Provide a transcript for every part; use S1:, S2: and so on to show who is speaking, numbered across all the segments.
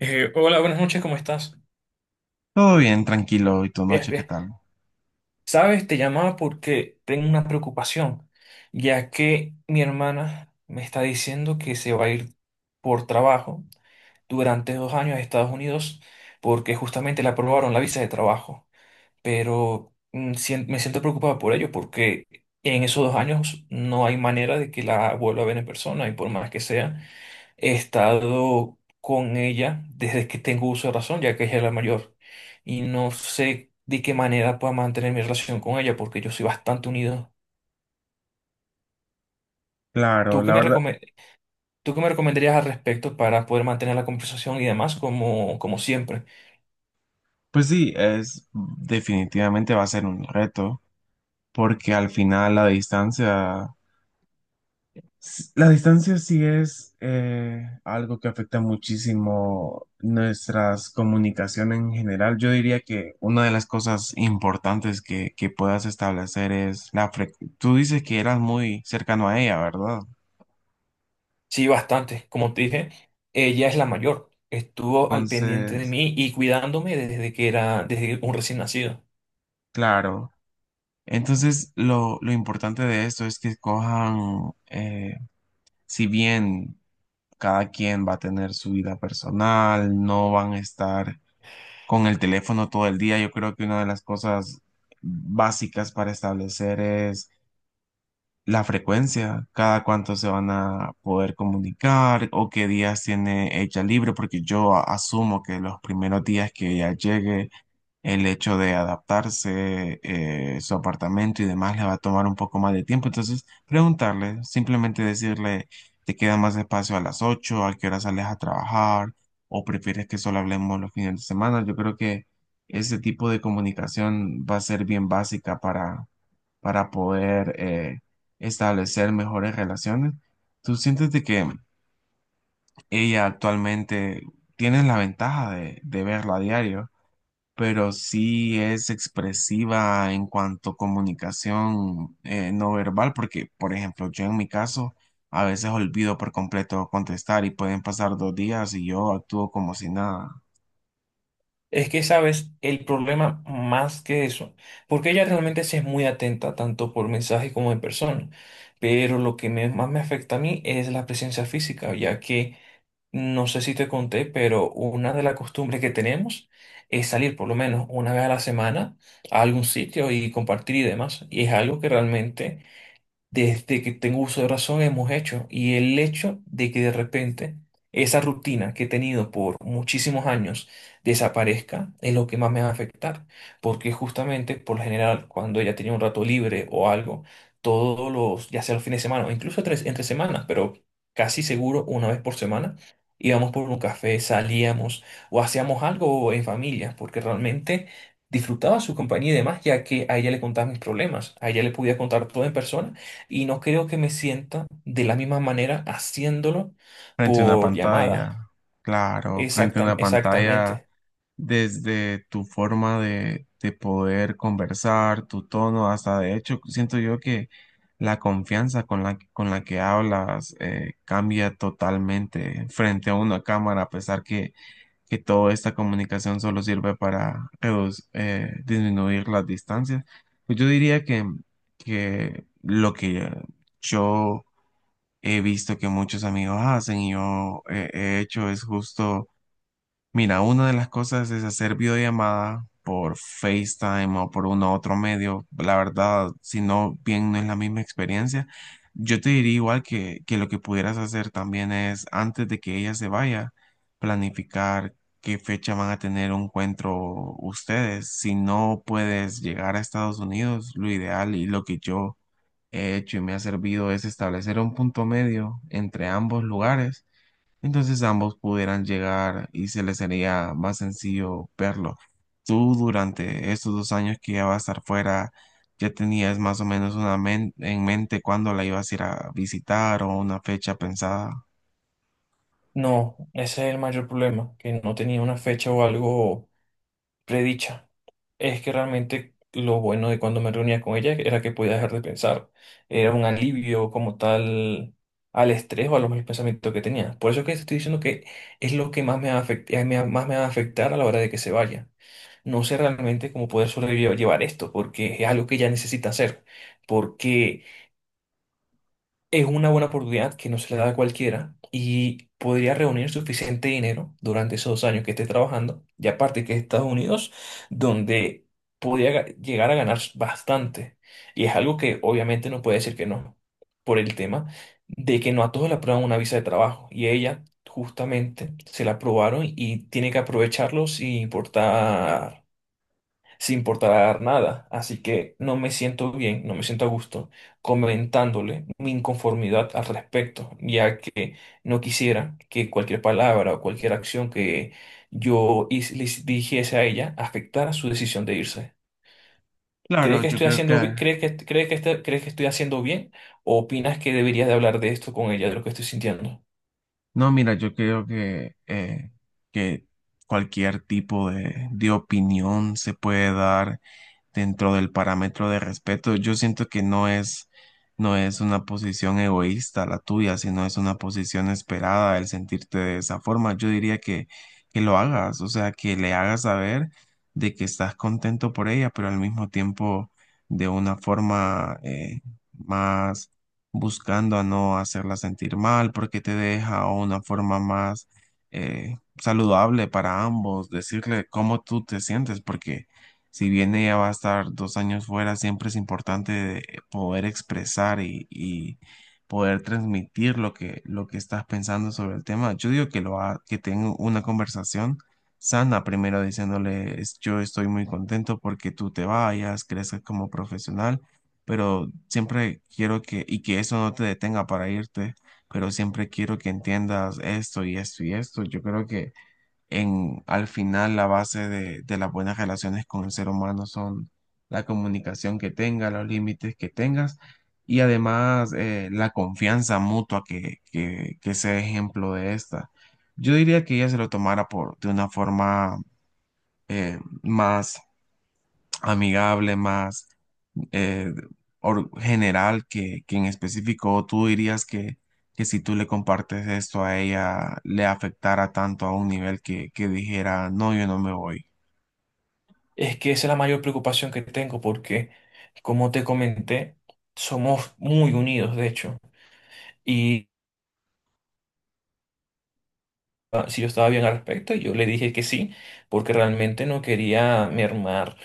S1: Hola, buenas noches, ¿cómo estás?
S2: Todo bien, tranquilo. ¿Y tu
S1: Bien,
S2: noche qué
S1: bien.
S2: tal?
S1: Sabes, te llamaba porque tengo una preocupación, ya que mi hermana me está diciendo que se va a ir por trabajo durante 2 años a Estados Unidos porque justamente le aprobaron la visa de trabajo. Pero me siento preocupado por ello porque en esos 2 años no hay manera de que la vuelva a ver en persona y por más que sea. He estado con ella desde que tengo uso de razón, ya que ella es la mayor. Y no sé de qué manera pueda mantener mi relación con ella, porque yo soy bastante unido.
S2: Claro,
S1: ¿Tú qué
S2: la
S1: me
S2: verdad,
S1: recome- ¿Tú qué me recomendarías al respecto para poder mantener la conversación y demás como siempre?
S2: pues sí, es definitivamente va a ser un reto, porque al final la distancia, la distancia sí es algo que afecta muchísimo nuestras comunicaciones en general. Yo diría que una de las cosas importantes que puedas establecer es la frecuencia. Tú dices que eras muy cercano a ella, ¿verdad?
S1: Sí, bastante. Como te dije, ella es la mayor. Estuvo al pendiente de
S2: Entonces,
S1: mí y cuidándome desde un recién nacido.
S2: claro. Entonces, lo importante de esto es que cojan, si bien cada quien va a tener su vida personal, no van a estar con el teléfono todo el día, yo creo que una de las cosas básicas para establecer es la frecuencia, cada cuánto se van a poder comunicar o qué días tiene ella libre, porque asumo que los primeros días que ella llegue el hecho de adaptarse, su apartamento y demás le va a tomar un poco más de tiempo. Entonces, preguntarle, simplemente decirle, ¿te queda más espacio a las ocho? ¿A qué hora sales a trabajar? ¿O prefieres que solo hablemos los fines de semana? Yo creo que ese tipo de comunicación va a ser bien básica para poder establecer mejores relaciones. ¿Tú sientes de que ella actualmente tiene la ventaja de verla a diario? Pero sí es expresiva en cuanto a comunicación no verbal, porque, por ejemplo, yo en mi caso a veces olvido por completo contestar y pueden pasar dos días y yo actúo como si nada,
S1: Es que, sabes, el problema más que eso, porque ella realmente sí es muy atenta, tanto por mensaje como en persona, pero lo que más me afecta a mí es la presencia física, ya que no sé si te conté, pero una de las costumbres que tenemos es salir por lo menos una vez a la semana a algún sitio y compartir y demás, y es algo que realmente desde que tengo uso de razón hemos hecho. Y el hecho de que de repente esa rutina que he tenido por muchísimos años desaparezca es lo que más me va a afectar. Porque justamente por lo general, cuando ella tenía un rato libre o algo, todos los, ya sea los fines de semana o incluso tres, entre semanas, pero casi seguro una vez por semana. Íbamos por un café, salíamos o hacíamos algo en familia, porque realmente disfrutaba su compañía y demás, ya que a ella le contaba mis problemas, a ella le podía contar todo en persona y no creo que me sienta de la misma manera haciéndolo
S2: frente a una
S1: por
S2: pantalla,
S1: llamada.
S2: claro, frente a una pantalla.
S1: Exactamente.
S2: Desde tu forma de poder conversar, tu tono, hasta de hecho siento yo que la confianza con con la que hablas cambia totalmente frente a una cámara, a pesar que toda esta comunicación solo sirve para disminuir las distancias. Pues yo diría que lo que yo he visto que muchos amigos hacen y yo he hecho es justo. Mira, una de las cosas es hacer videollamada por FaceTime o por uno u otro medio. La verdad, si no, bien no es la misma experiencia. Yo te diría igual que lo que pudieras hacer también es, antes de que ella se vaya, planificar qué fecha van a tener un encuentro ustedes. Si no puedes llegar a Estados Unidos, lo ideal y lo que yo he hecho y me ha servido es establecer un punto medio entre ambos lugares, entonces ambos pudieran llegar y se les sería más sencillo verlo. Tú durante estos dos años que ya vas a estar fuera, ya tenías más o menos en mente cuándo la ibas a ir a visitar o una fecha pensada.
S1: No, ese es el mayor problema, que no tenía una fecha o algo predicha. Es que realmente lo bueno de cuando me reunía con ella era que podía dejar de pensar. Era un alivio como tal al estrés o a los malos pensamientos que tenía. Por eso es que te estoy diciendo que es lo que más me va a más me va a afectar a la hora de que se vaya. No sé realmente cómo poder sobrellevar esto, porque es algo que ya necesita hacer, porque es una buena oportunidad que no se le da a cualquiera y podría reunir suficiente dinero durante esos 2 años que esté trabajando, y aparte que es Estados Unidos, donde podría llegar a ganar bastante. Y es algo que obviamente no puede decir que no, por el tema de que no a todos le aprueban una visa de trabajo, y ella justamente se la aprobaron y tiene que aprovecharlo sin importar nada. Así que no me siento bien, no me siento a gusto comentándole mi inconformidad al respecto, ya que no quisiera que cualquier palabra o cualquier acción que yo le dijese a ella afectara su decisión de irse. ¿Crees
S2: Claro,
S1: que
S2: yo
S1: estoy
S2: creo que...
S1: haciendo, bi- ¿Crees que crees que estoy haciendo bien o opinas que deberías de hablar de esto con ella, de lo que estoy sintiendo?
S2: No, mira, yo creo que cualquier tipo de opinión se puede dar dentro del parámetro de respeto. Yo siento que no es, no es una posición egoísta la tuya, sino es una posición esperada el sentirte de esa forma. Yo diría que lo hagas, o sea, que le hagas saber de que estás contento por ella, pero al mismo tiempo de una forma más buscando a no hacerla sentir mal, porque te deja o una forma más eh, saludable para ambos, decirle cómo tú te sientes, porque si bien ella va a estar dos años fuera, siempre es importante de poder expresar y poder transmitir lo lo que estás pensando sobre el tema. Yo digo que que tengo una conversación sana, primero diciéndole, Yo estoy muy contento porque tú te vayas, crezcas como profesional, pero siempre quiero y que eso no te detenga para irte, pero siempre quiero que entiendas esto y esto y esto. Yo creo que al final la base de las buenas relaciones con el ser humano son la comunicación que tenga, los límites que tengas y además la confianza mutua que sea ejemplo de esta. Yo diría que ella se lo tomara por, de una forma eh, más amigable, más eh, general que en específico tú dirías que si tú le compartes esto a ella le afectara tanto a un nivel que dijera, no, yo no me voy.
S1: Es que esa es la mayor preocupación que tengo porque, como te comenté, somos muy unidos, de hecho. Si yo estaba bien al respecto y yo le dije que sí, porque realmente no quería mermar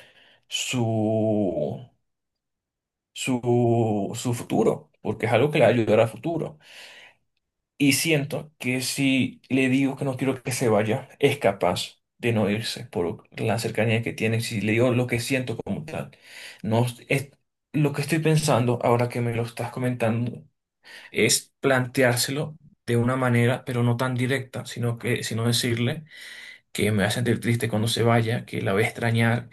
S1: su, su futuro, porque es algo que le va a ayudar a futuro. Y siento que si le digo que no quiero que se vaya, es capaz de no irse por la cercanía que tiene, si le digo lo que siento como tal. No, lo que estoy pensando ahora que me lo estás comentando es planteárselo de una manera, pero no tan directa, sino decirle que me va a sentir triste cuando se vaya, que la voy a extrañar,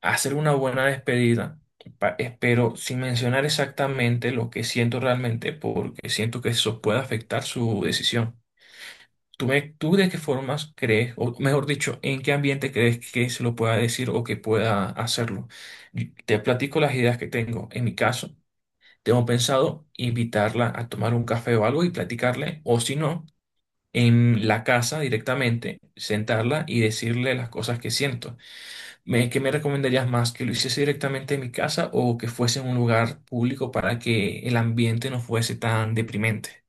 S1: hacer una buena despedida, espero sin mencionar exactamente lo que siento realmente, porque siento que eso puede afectar su decisión. ¿Tú de qué formas crees, o mejor dicho, en qué ambiente crees que se lo pueda decir o que pueda hacerlo? Y te platico las ideas que tengo. En mi caso, tengo pensado invitarla a tomar un café o algo y platicarle, o si no, en la casa directamente, sentarla y decirle las cosas que siento. ¿Qué me recomendarías más? ¿Que lo hiciese directamente en mi casa o que fuese en un lugar público para que el ambiente no fuese tan deprimente?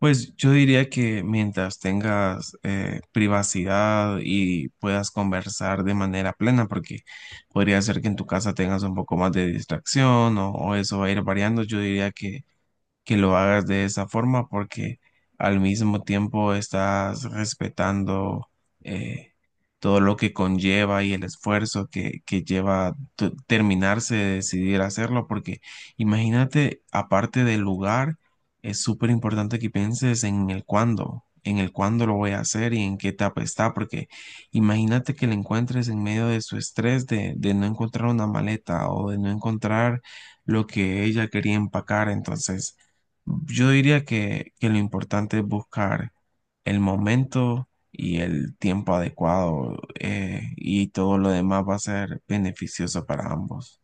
S2: Pues yo diría que mientras tengas privacidad y puedas conversar de manera plena, porque podría ser que en tu casa tengas un poco más de distracción o eso va a ir variando, yo diría que lo hagas de esa forma porque al mismo tiempo estás respetando eh, todo lo que conlleva y el esfuerzo que lleva terminarse de decidir hacerlo porque imagínate, aparte del lugar, es súper importante que pienses en el cuándo, en el cuándo lo voy a hacer y en qué etapa está, porque imagínate que lo encuentres en medio de su estrés de no encontrar una maleta o de no encontrar lo que ella quería empacar, entonces yo diría que lo importante es buscar el momento y el tiempo adecuado y todo lo demás va a ser beneficioso para ambos.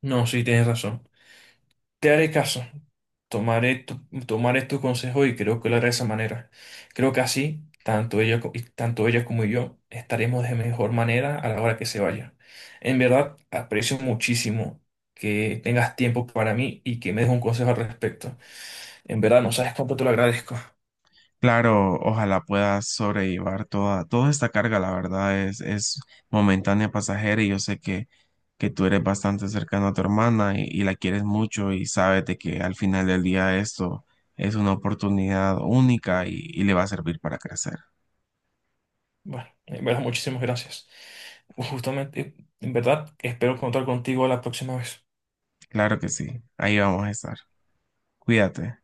S1: No, sí, tienes razón. Te haré caso. Tomaré tu, tomaré tu consejo y creo que lo haré de esa manera. Creo que así, tanto ella como yo estaremos de mejor manera a la hora que se vaya. En verdad, aprecio muchísimo que tengas tiempo para mí y que me des un consejo al respecto. En verdad, no sabes cuánto te lo agradezco.
S2: Claro, ojalá puedas sobrellevar toda, toda esta carga, la verdad es momentánea, pasajera y yo sé que tú eres bastante cercano a tu hermana y la quieres mucho y sabes de que al final del día esto es una oportunidad única y le va a servir para crecer.
S1: Bueno, en verdad, muchísimas gracias. Justamente, en verdad, espero contar contigo la próxima vez.
S2: Claro que sí, ahí vamos a estar. Cuídate.